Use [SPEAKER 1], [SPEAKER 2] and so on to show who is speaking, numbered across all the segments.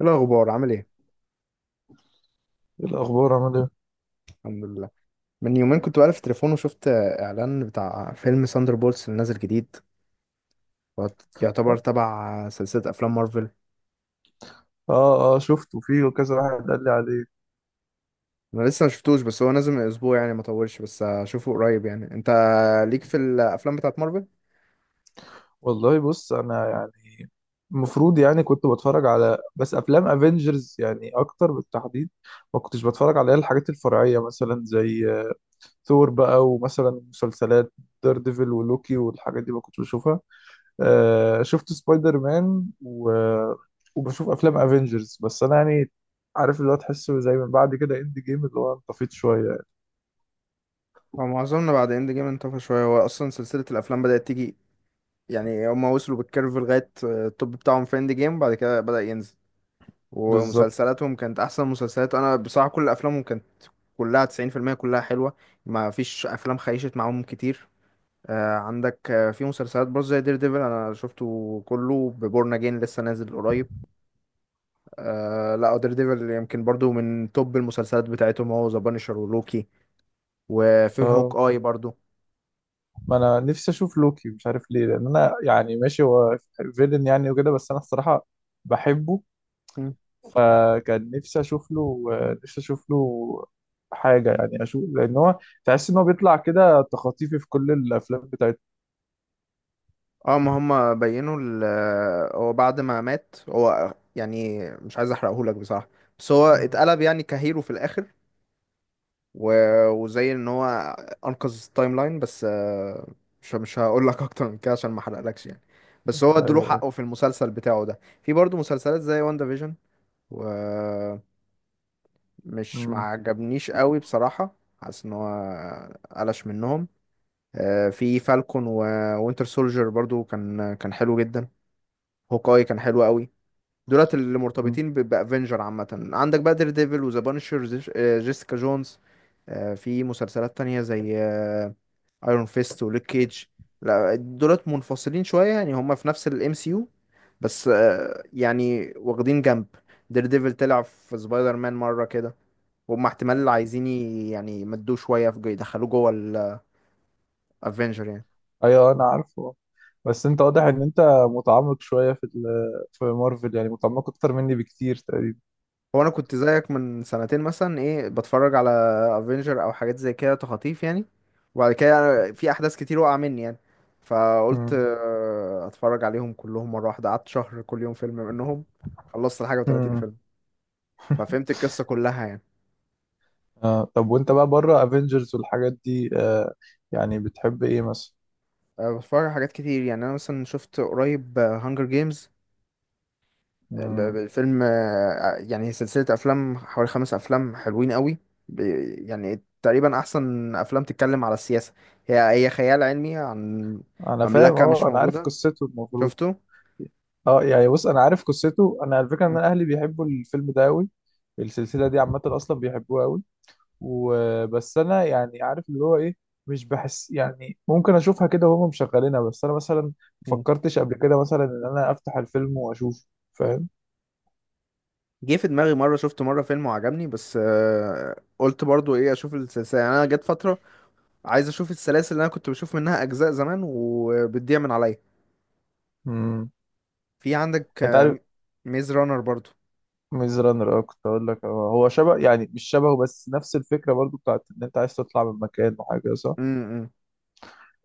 [SPEAKER 1] إيه الأخبار عامل إيه؟
[SPEAKER 2] إيه الأخبار عامل إيه؟
[SPEAKER 1] الحمد لله. من يومين كنت بقلب في التليفون وشفت إعلان بتاع فيلم ساندر بولتس اللي نازل جديد. هو يعتبر
[SPEAKER 2] آه
[SPEAKER 1] تبع سلسلة أفلام مارفل.
[SPEAKER 2] آه، شفته فيه وكذا واحد قال لي عليه.
[SPEAKER 1] أنا لسه مشفتوش، بس هو نازل من أسبوع يعني، ما طولش، بس هشوفه قريب يعني. أنت ليك في الأفلام بتاعت مارفل؟
[SPEAKER 2] والله بص، أنا يعني المفروض كنت بتفرج على بس أفلام أفينجرز يعني أكتر بالتحديد. ما كنتش بتفرج على الحاجات الفرعية مثلا زي ثور بقى، ومثلا مسلسلات دير ديفل ولوكي والحاجات دي ما كنتش بشوفها. آه، شفت سبايدر مان و... وبشوف أفلام أفينجرز بس. أنا يعني عارف، اللي هو تحسه زي من بعد كده إند جيم اللي هو انطفيت شوية يعني.
[SPEAKER 1] هو معظمنا بعد إند جيم انطفى شوية. هو أصلا سلسلة الأفلام بدأت تيجي، يعني هما وصلوا بالكيرف لغاية التوب بتاعهم في إند جيم، بعد كده بدأ ينزل.
[SPEAKER 2] بالظبط.
[SPEAKER 1] ومسلسلاتهم كانت أحسن مسلسلات. أنا بصراحة كل أفلامهم كانت كلها 90% كلها حلوة. ما فيش أفلام خيشت معاهم كتير. عندك في مسلسلات برضه زي دير ديفل. أنا شفته كله، ببورن أجين لسه نازل قريب. لا، دير ديفل يمكن برضه من توب المسلسلات بتاعتهم، هو ذا بانشر ولوكي. وفي
[SPEAKER 2] اه،
[SPEAKER 1] هوك آي برضه.
[SPEAKER 2] ما انا نفسي اشوف لوكي، مش عارف ليه، لان انا يعني ماشي، هو فيلن يعني وكده، بس انا الصراحه بحبه.
[SPEAKER 1] مم.
[SPEAKER 2] فكان نفسي اشوف له، نفسي اشوف له حاجه يعني اشوف، لان هو تحس ان هو بيطلع كده تخاطيفي في كل الافلام بتاعته.
[SPEAKER 1] اه، ما هم بينوا هو بعد ما مات، هو يعني مش عايز احرقهولك بصراحة، بس هو
[SPEAKER 2] مم.
[SPEAKER 1] اتقلب يعني كهيرو في الآخر. و-
[SPEAKER 2] مم.
[SPEAKER 1] وزي ان هو انقذ التايم لاين. بس مش هقول لك اكتر من كده عشان ما احرقلكش يعني. بس هو ادوله
[SPEAKER 2] ايوه.
[SPEAKER 1] حقه في المسلسل بتاعه ده. في برضه مسلسلات زي واندا فيجن ومش ما
[SPEAKER 2] مم.
[SPEAKER 1] عجبنيش قوي بصراحة. حاسس ان هو قلش منهم. في فالكون ووينتر سولجر برضو كان حلو جدا. هوكاي كان حلو قوي. دولت اللي
[SPEAKER 2] مم.
[SPEAKER 1] مرتبطين بافنجر عامة. عندك بقى دير ديفل وذا بانشر، جيسيكا جونز. في مسلسلات تانية زي ايرون فيست وليك كيج. لا دولت منفصلين شويه يعني، هما في نفس الام سي يو، بس يعني واخدين جنب. دير ديفل طلع في سبايدر مان مره كده، وهم
[SPEAKER 2] مم.
[SPEAKER 1] احتمال عايزين يعني يمدوه شويه في يدخلوه جوه الافنجر يعني.
[SPEAKER 2] ايوه انا عارفه. بس انت واضح ان انت متعمق شويه في في مارفل، يعني متعمق اكتر مني بكتير تقريبا.
[SPEAKER 1] هو انا كنت زيك من سنتين مثلا، ايه، بتفرج على افنجر او حاجات زي كده تخاطيف يعني. وبعد كده في احداث كتير وقع مني يعني، فقلت
[SPEAKER 2] مم.
[SPEAKER 1] اتفرج عليهم كلهم مره واحده. قعدت شهر كل يوم فيلم منهم، خلصت الحاجه و30
[SPEAKER 2] مم.
[SPEAKER 1] فيلم. ففهمت القصة كلها يعني.
[SPEAKER 2] آه طب، وانت بقى بره افنجرز والحاجات دي آه، يعني بتحب ايه مثلا؟
[SPEAKER 1] بتفرج على حاجات كتير يعني. أنا مثلا شفت قريب هانجر جيمز،
[SPEAKER 2] مم.
[SPEAKER 1] فيلم يعني سلسلة أفلام حوالي 5 أفلام حلوين قوي. ب- يعني تقريبا أحسن أفلام تتكلم على السياسة. هي هي خيال علمي عن
[SPEAKER 2] انا فاهم،
[SPEAKER 1] مملكة مش
[SPEAKER 2] اه انا عارف
[SPEAKER 1] موجودة.
[SPEAKER 2] قصته المفروض.
[SPEAKER 1] شفته؟
[SPEAKER 2] اه يعني بص، انا عارف قصته، انا على فكره ان انا اهلي بيحبوا الفيلم ده قوي، السلسله دي عامه اصلا بيحبوها قوي. وبس انا يعني عارف اللي هو ايه، مش بحس يعني، ممكن اشوفها كده وهم مشغلينها، بس انا مثلا ما
[SPEAKER 1] مم.
[SPEAKER 2] فكرتش قبل كده مثلا ان انا افتح الفيلم واشوفه. فاهم.
[SPEAKER 1] جه في دماغي مرة، شفت مرة فيلم وعجبني، بس قلت برضو ايه اشوف السلسلة يعني. انا جت فترة عايز اشوف السلاسل اللي انا كنت بشوف منها اجزاء زمان وبتضيع من عليا.
[SPEAKER 2] امم،
[SPEAKER 1] في عندك
[SPEAKER 2] انت عارف
[SPEAKER 1] ميز رانر برضو.
[SPEAKER 2] ميز رانر، اه كنت اقول لك، هو هو شبه يعني، مش شبهه بس نفس الفكره برضو، بتاعت ان انت عايز تطلع من مكان وحاجه، صح.
[SPEAKER 1] امم.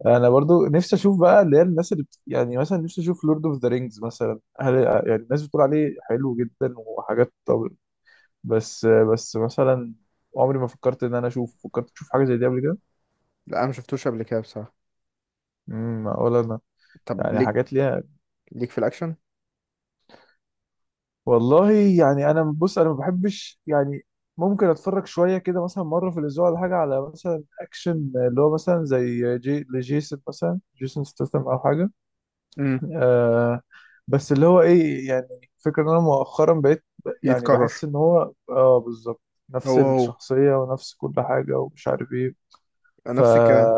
[SPEAKER 2] انا برضو نفسي اشوف بقى اللي هي الناس اللي بت... يعني مثلا نفسي اشوف لورد اوف ذا رينجز مثلا، هل يعني الناس بتقول عليه حلو جدا وحاجات؟ طب، بس مثلا عمري ما فكرت ان انا اشوف، فكرت تشوف حاجه زي دي قبل كده؟
[SPEAKER 1] لا، انا ما شفتوش قبل كده بصراحه.
[SPEAKER 2] امم، ولا انا.
[SPEAKER 1] طب
[SPEAKER 2] يعني
[SPEAKER 1] ليك
[SPEAKER 2] حاجات ليها.
[SPEAKER 1] ليك في الاكشن؟
[SPEAKER 2] والله يعني انا بص، انا ما بحبش يعني، ممكن اتفرج شويه كده مثلا مره في الاسبوع ولا حاجه على مثلا اكشن، اللي هو مثلا زي جي لجيسون مثلا، جيسون ستاثام او حاجه.
[SPEAKER 1] امم.
[SPEAKER 2] آه، بس اللي هو ايه، يعني فكرة ان انا مؤخرا بقيت يعني
[SPEAKER 1] يتكرر.
[SPEAKER 2] بحس ان هو، اه بالظبط،
[SPEAKER 1] هو
[SPEAKER 2] نفس
[SPEAKER 1] هو
[SPEAKER 2] الشخصيه ونفس كل حاجه ومش عارف ايه. ف
[SPEAKER 1] نفس الكلام.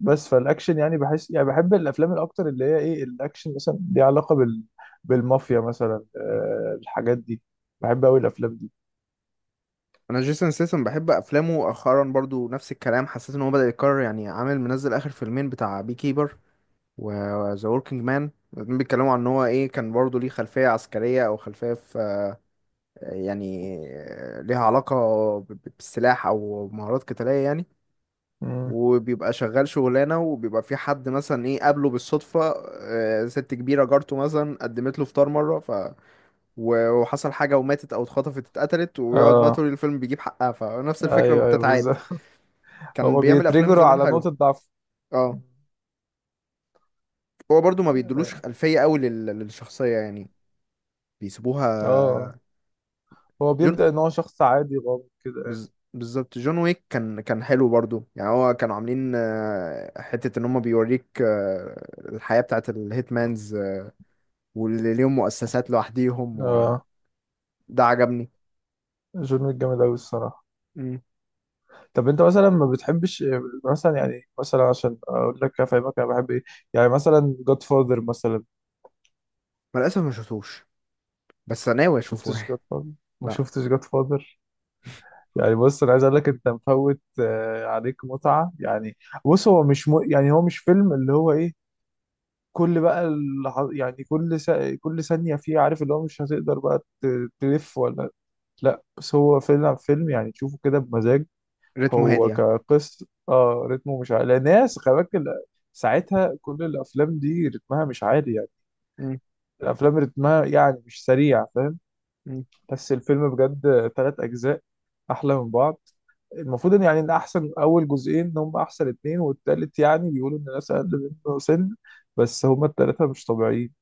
[SPEAKER 2] بس فالاكشن يعني بحس، يعني بحب الافلام الاكتر اللي هي ايه، الاكشن مثلا ليها علاقه بال... بالمافيا مثلا، آه الحاجات دي، بحب قوي الافلام دي.
[SPEAKER 1] انا جيسون سيسن بحب افلامه. مؤخرا برضو نفس الكلام، حسيت ان هو بدأ يتكرر يعني. عامل منزل اخر فيلمين بتاع بي كيبر وذا وركينج مان. الاتنين بيتكلموا عن ان هو ايه، كان برضو ليه خلفيه عسكريه او خلفيه في، يعني ليها علاقه بالسلاح او مهارات قتاليه يعني.
[SPEAKER 2] مم.
[SPEAKER 1] وبيبقى شغال شغلانة، وبيبقى في حد مثلا ايه قابله بالصدفة. ست كبيرة جارته مثلا قدمت له فطار مرة، وحصل حاجة وماتت، أو اتخطفت، اتقتلت، ويقعد بقى
[SPEAKER 2] اه،
[SPEAKER 1] طول الفيلم بيجيب حقها. فنفس الفكرة
[SPEAKER 2] ايوه
[SPEAKER 1] بتتعاد.
[SPEAKER 2] بالظبط.
[SPEAKER 1] كان
[SPEAKER 2] هما
[SPEAKER 1] بيعمل أفلام
[SPEAKER 2] بيتريجروا
[SPEAKER 1] زمان
[SPEAKER 2] على
[SPEAKER 1] حلوة.
[SPEAKER 2] نقطه ضعف.
[SPEAKER 1] اه، هو برضو ما بيدلوش
[SPEAKER 2] اه.
[SPEAKER 1] خلفية قوي للشخصية يعني، بيسيبوها.
[SPEAKER 2] آه. هو
[SPEAKER 1] جون
[SPEAKER 2] بيبدا ان هو شخص عادي غامض كده.
[SPEAKER 1] بالظبط جون ويك كان حلو برضو يعني. هو كانوا عاملين حتة ان هم بيوريك الحياة بتاعت الهيتمانز واللي ليهم مؤسسات لوحديهم، وده
[SPEAKER 2] اه،
[SPEAKER 1] عجبني.
[SPEAKER 2] جون ويك جامد قوي الصراحه.
[SPEAKER 1] امم.
[SPEAKER 2] طب انت مثلا ما بتحبش مثلا، يعني مثلا عشان اقول لك افهمك انا بحب ايه، يعني مثلا جاد فاذر مثلا، ما
[SPEAKER 1] للأسف ما شفتوش، بس أنا ناوي أشوفه
[SPEAKER 2] شفتش
[SPEAKER 1] يعني.
[SPEAKER 2] جاد فاذر؟ ما
[SPEAKER 1] لا.
[SPEAKER 2] شفتش جاد فاذر يعني بص، انا عايز اقول لك انت مفوت عليك متعه يعني. بص، هو مش م... يعني هو مش فيلم اللي هو ايه، يعني كل ثانيه فيه، عارف اللي هو مش هتقدر بقى تلف ولا، لا بس هو فيلم يعني تشوفه كده بمزاج.
[SPEAKER 1] رتمه هادي
[SPEAKER 2] هو
[SPEAKER 1] يعني.
[SPEAKER 2] كقصه اه رتمه مش عالي، لأن ناس خلي بالك ساعتها كل الافلام دي رتمها مش عالي يعني،
[SPEAKER 1] امم.
[SPEAKER 2] الافلام رتمها يعني مش سريع، فاهم.
[SPEAKER 1] امم.
[SPEAKER 2] بس الفيلم بجد ثلاث اجزاء احلى من بعض. المفروض ان يعني ان احسن اول جزئين هم احسن اتنين، والتالت يعني بيقولوا ان الناس اقل منه سن، بس هم التلاتة مش طبيعيين.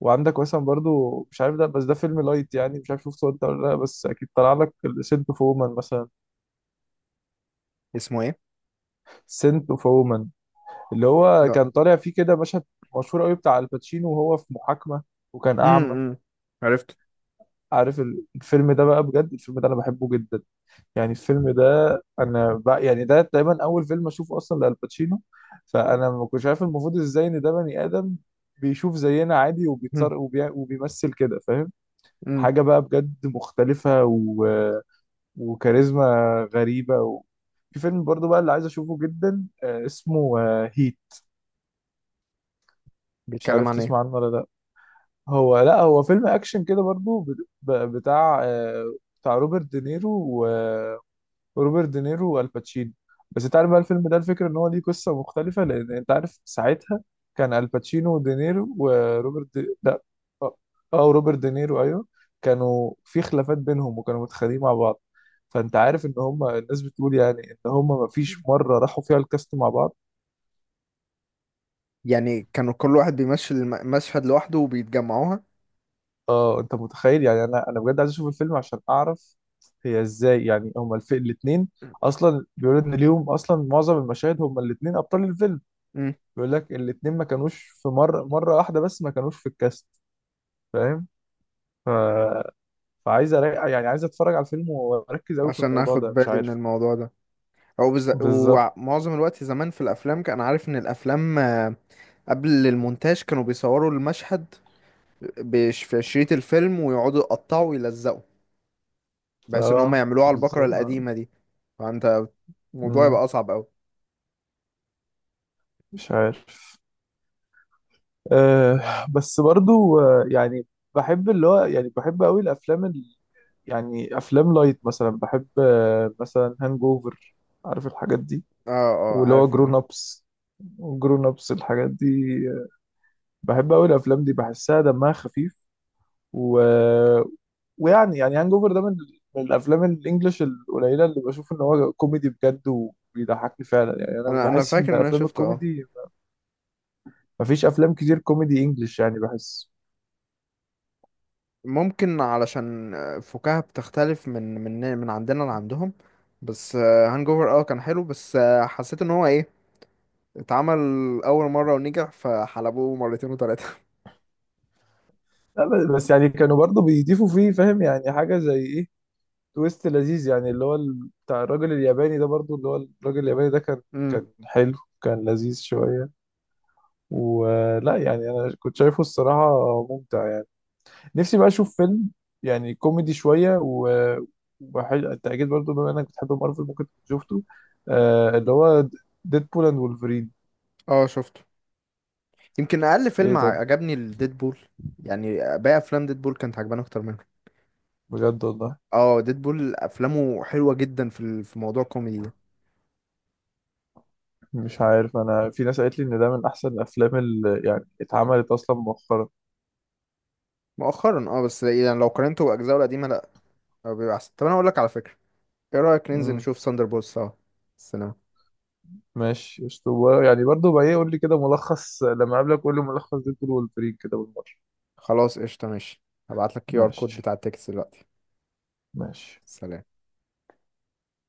[SPEAKER 2] وعندك مثلا برضو، مش عارف ده، بس ده فيلم لايت يعني، مش عارف شفته انت ولا لا، بس اكيد طلع لك، سنت اوف وومن مثلا.
[SPEAKER 1] اسمه إيه؟
[SPEAKER 2] سنت اوف وومن، اللي هو
[SPEAKER 1] لا.
[SPEAKER 2] كان طالع فيه كده مشهد مشهور قوي بتاع الباتشينو وهو في محاكمة وكان اعمى.
[SPEAKER 1] امم. عرفت.
[SPEAKER 2] عارف الفيلم ده بقى، بجد الفيلم ده انا بحبه جدا يعني. الفيلم ده انا بقى يعني، ده تقريبا اول فيلم اشوفه اصلا لالباتشينو، فانا ما كنتش عارف المفروض ازاي ان ده بني ادم بيشوف زينا عادي وبيتصرف، وبيمثل كده، فاهم.
[SPEAKER 1] امم.
[SPEAKER 2] حاجه بقى بجد مختلفه و... وكاريزما غريبه و... في فيلم برضو بقى اللي عايز اشوفه جدا، اسمه هيت. مش
[SPEAKER 1] بيتكلم
[SPEAKER 2] عارف
[SPEAKER 1] عن إيه؟
[SPEAKER 2] تسمع عنه ولا لا. هو لا، هو فيلم اكشن كده برضو، بتاع بتاع روبرت دينيرو، روبرت دينيرو والباتشينو. بس انت عارف بقى الفيلم ده، الفكره ان هو ليه قصه مختلفه، لان انت عارف ساعتها كان الباتشينو ودينيرو، وروبرت لا اه، روبرت دينيرو ايوه، كانوا في خلافات بينهم وكانوا متخانقين مع بعض. فانت عارف ان هم الناس بتقول يعني ان هم ما فيش مره راحوا فيها الكاست مع بعض.
[SPEAKER 1] يعني كانوا كل واحد بيمثل مشهد لوحده وبيتجمعوها.
[SPEAKER 2] اه انت متخيل يعني، انا بجد عايز اشوف الفيلم عشان اعرف هي ازاي، يعني هم الاثنين اصلا بيقولوا ان ليهم اصلا معظم المشاهد، هم الاثنين ابطال الفيلم،
[SPEAKER 1] امم.
[SPEAKER 2] بيقول لك الاتنين ما كانوش في مرة واحدة، بس ما كانوش في الكاست. فاهم. ف... يعني عايز اتفرج على الفيلم واركز قوي في
[SPEAKER 1] عشان
[SPEAKER 2] الموضوع
[SPEAKER 1] اخد
[SPEAKER 2] ده، مش
[SPEAKER 1] بالي من
[SPEAKER 2] عارف.
[SPEAKER 1] الموضوع ده.
[SPEAKER 2] بالظبط.
[SPEAKER 1] ومعظم الوقت زمان في الافلام كان عارف ان الافلام قبل المونتاج كانوا بيصوروا المشهد في شريط الفيلم، ويقعدوا يقطعوا ويلزقوا، بحيث ان هم
[SPEAKER 2] اه
[SPEAKER 1] يعملوها على البقرة
[SPEAKER 2] بالظبط. آه.
[SPEAKER 1] القديمة دي. فانت الموضوع
[SPEAKER 2] مم.
[SPEAKER 1] يبقى اصعب اوي.
[SPEAKER 2] مش عارف. آه، بس برضو آه يعني بحب اللي هو، يعني بحب قوي الافلام ال... يعني افلام لايت مثلا بحب، آه مثلا هانج اوفر، عارف الحاجات دي،
[SPEAKER 1] اه اه،
[SPEAKER 2] واللي هو
[SPEAKER 1] عارف
[SPEAKER 2] جرون ابس، جرون ابس الحاجات دي، بحب قوي الافلام دي بحسها دمها خفيف و... ويعني هانج اوفر ده من الافلام الانجليش القليله اللي بشوف ان هو كوميدي بجد وبيضحكني فعلا. يعني انا
[SPEAKER 1] انا
[SPEAKER 2] بحس ان
[SPEAKER 1] فاكر ان انا
[SPEAKER 2] افلام
[SPEAKER 1] شفته اه.
[SPEAKER 2] الكوميدي، مفيش افلام كتير كوميدي انجليش يعني، بحس.
[SPEAKER 1] ممكن علشان فكاهة بتختلف من عندنا لعندهم. بس هانج اوفر، Hangover، كان حلو، بس حسيت ان هو ايه، اتعمل اول مرة ونجح فحلبوه مرتين وتلاتة.
[SPEAKER 2] لا بس يعني كانوا برضه بيضيفوا فيه، فاهم يعني، حاجه زي ايه، تويست لذيذ يعني، اللي هو بتاع الراجل الياباني ده برضه، اللي هو الراجل الياباني ده
[SPEAKER 1] امم.
[SPEAKER 2] كان حلو، كان لذيذ شويه، ولا يعني؟ انا كنت شايفه الصراحه ممتع. نفسي بقى اشوف فيلم يعني كوميدي شويه و التأكيد برضو بما انك بتحب مارفل ممكن تكون شفته، آه اللي هو ديدبول اند وولفرين.
[SPEAKER 1] اه، شفته. يمكن اقل فيلم
[SPEAKER 2] ايه؟ طب،
[SPEAKER 1] عجبني الديدبول. يعني باقي افلام ديدبول كانت عجباني اكتر منه.
[SPEAKER 2] بجد والله؟
[SPEAKER 1] اه، ديدبول افلامه حلوة جدا في في موضوع كوميدي ده.
[SPEAKER 2] مش عارف انا، في ناس قالت لي ان ده من احسن الافلام اللي يعني اتعملت اصلا مؤخرا.
[SPEAKER 1] مؤخرا، بس يعني لو قارنته باجزائه القديمه، لا، هو بيبقى احسن. طب انا اقول لك على فكره، ايه رايك ننزل
[SPEAKER 2] امم.
[SPEAKER 1] نشوف ساندر بولز سوا السينما؟
[SPEAKER 2] ماشي اسطوره، يعني برضو بقى ايه، قول لي كده ملخص لما اقابلك، قول لي ملخص ديدبول وولفرين كده بالمره.
[SPEAKER 1] خلاص، قشطه، ماشي. هبعت لك QR كود
[SPEAKER 2] ماشي.
[SPEAKER 1] بتاع التيكت دلوقتي.
[SPEAKER 2] ماشي.
[SPEAKER 1] سلام.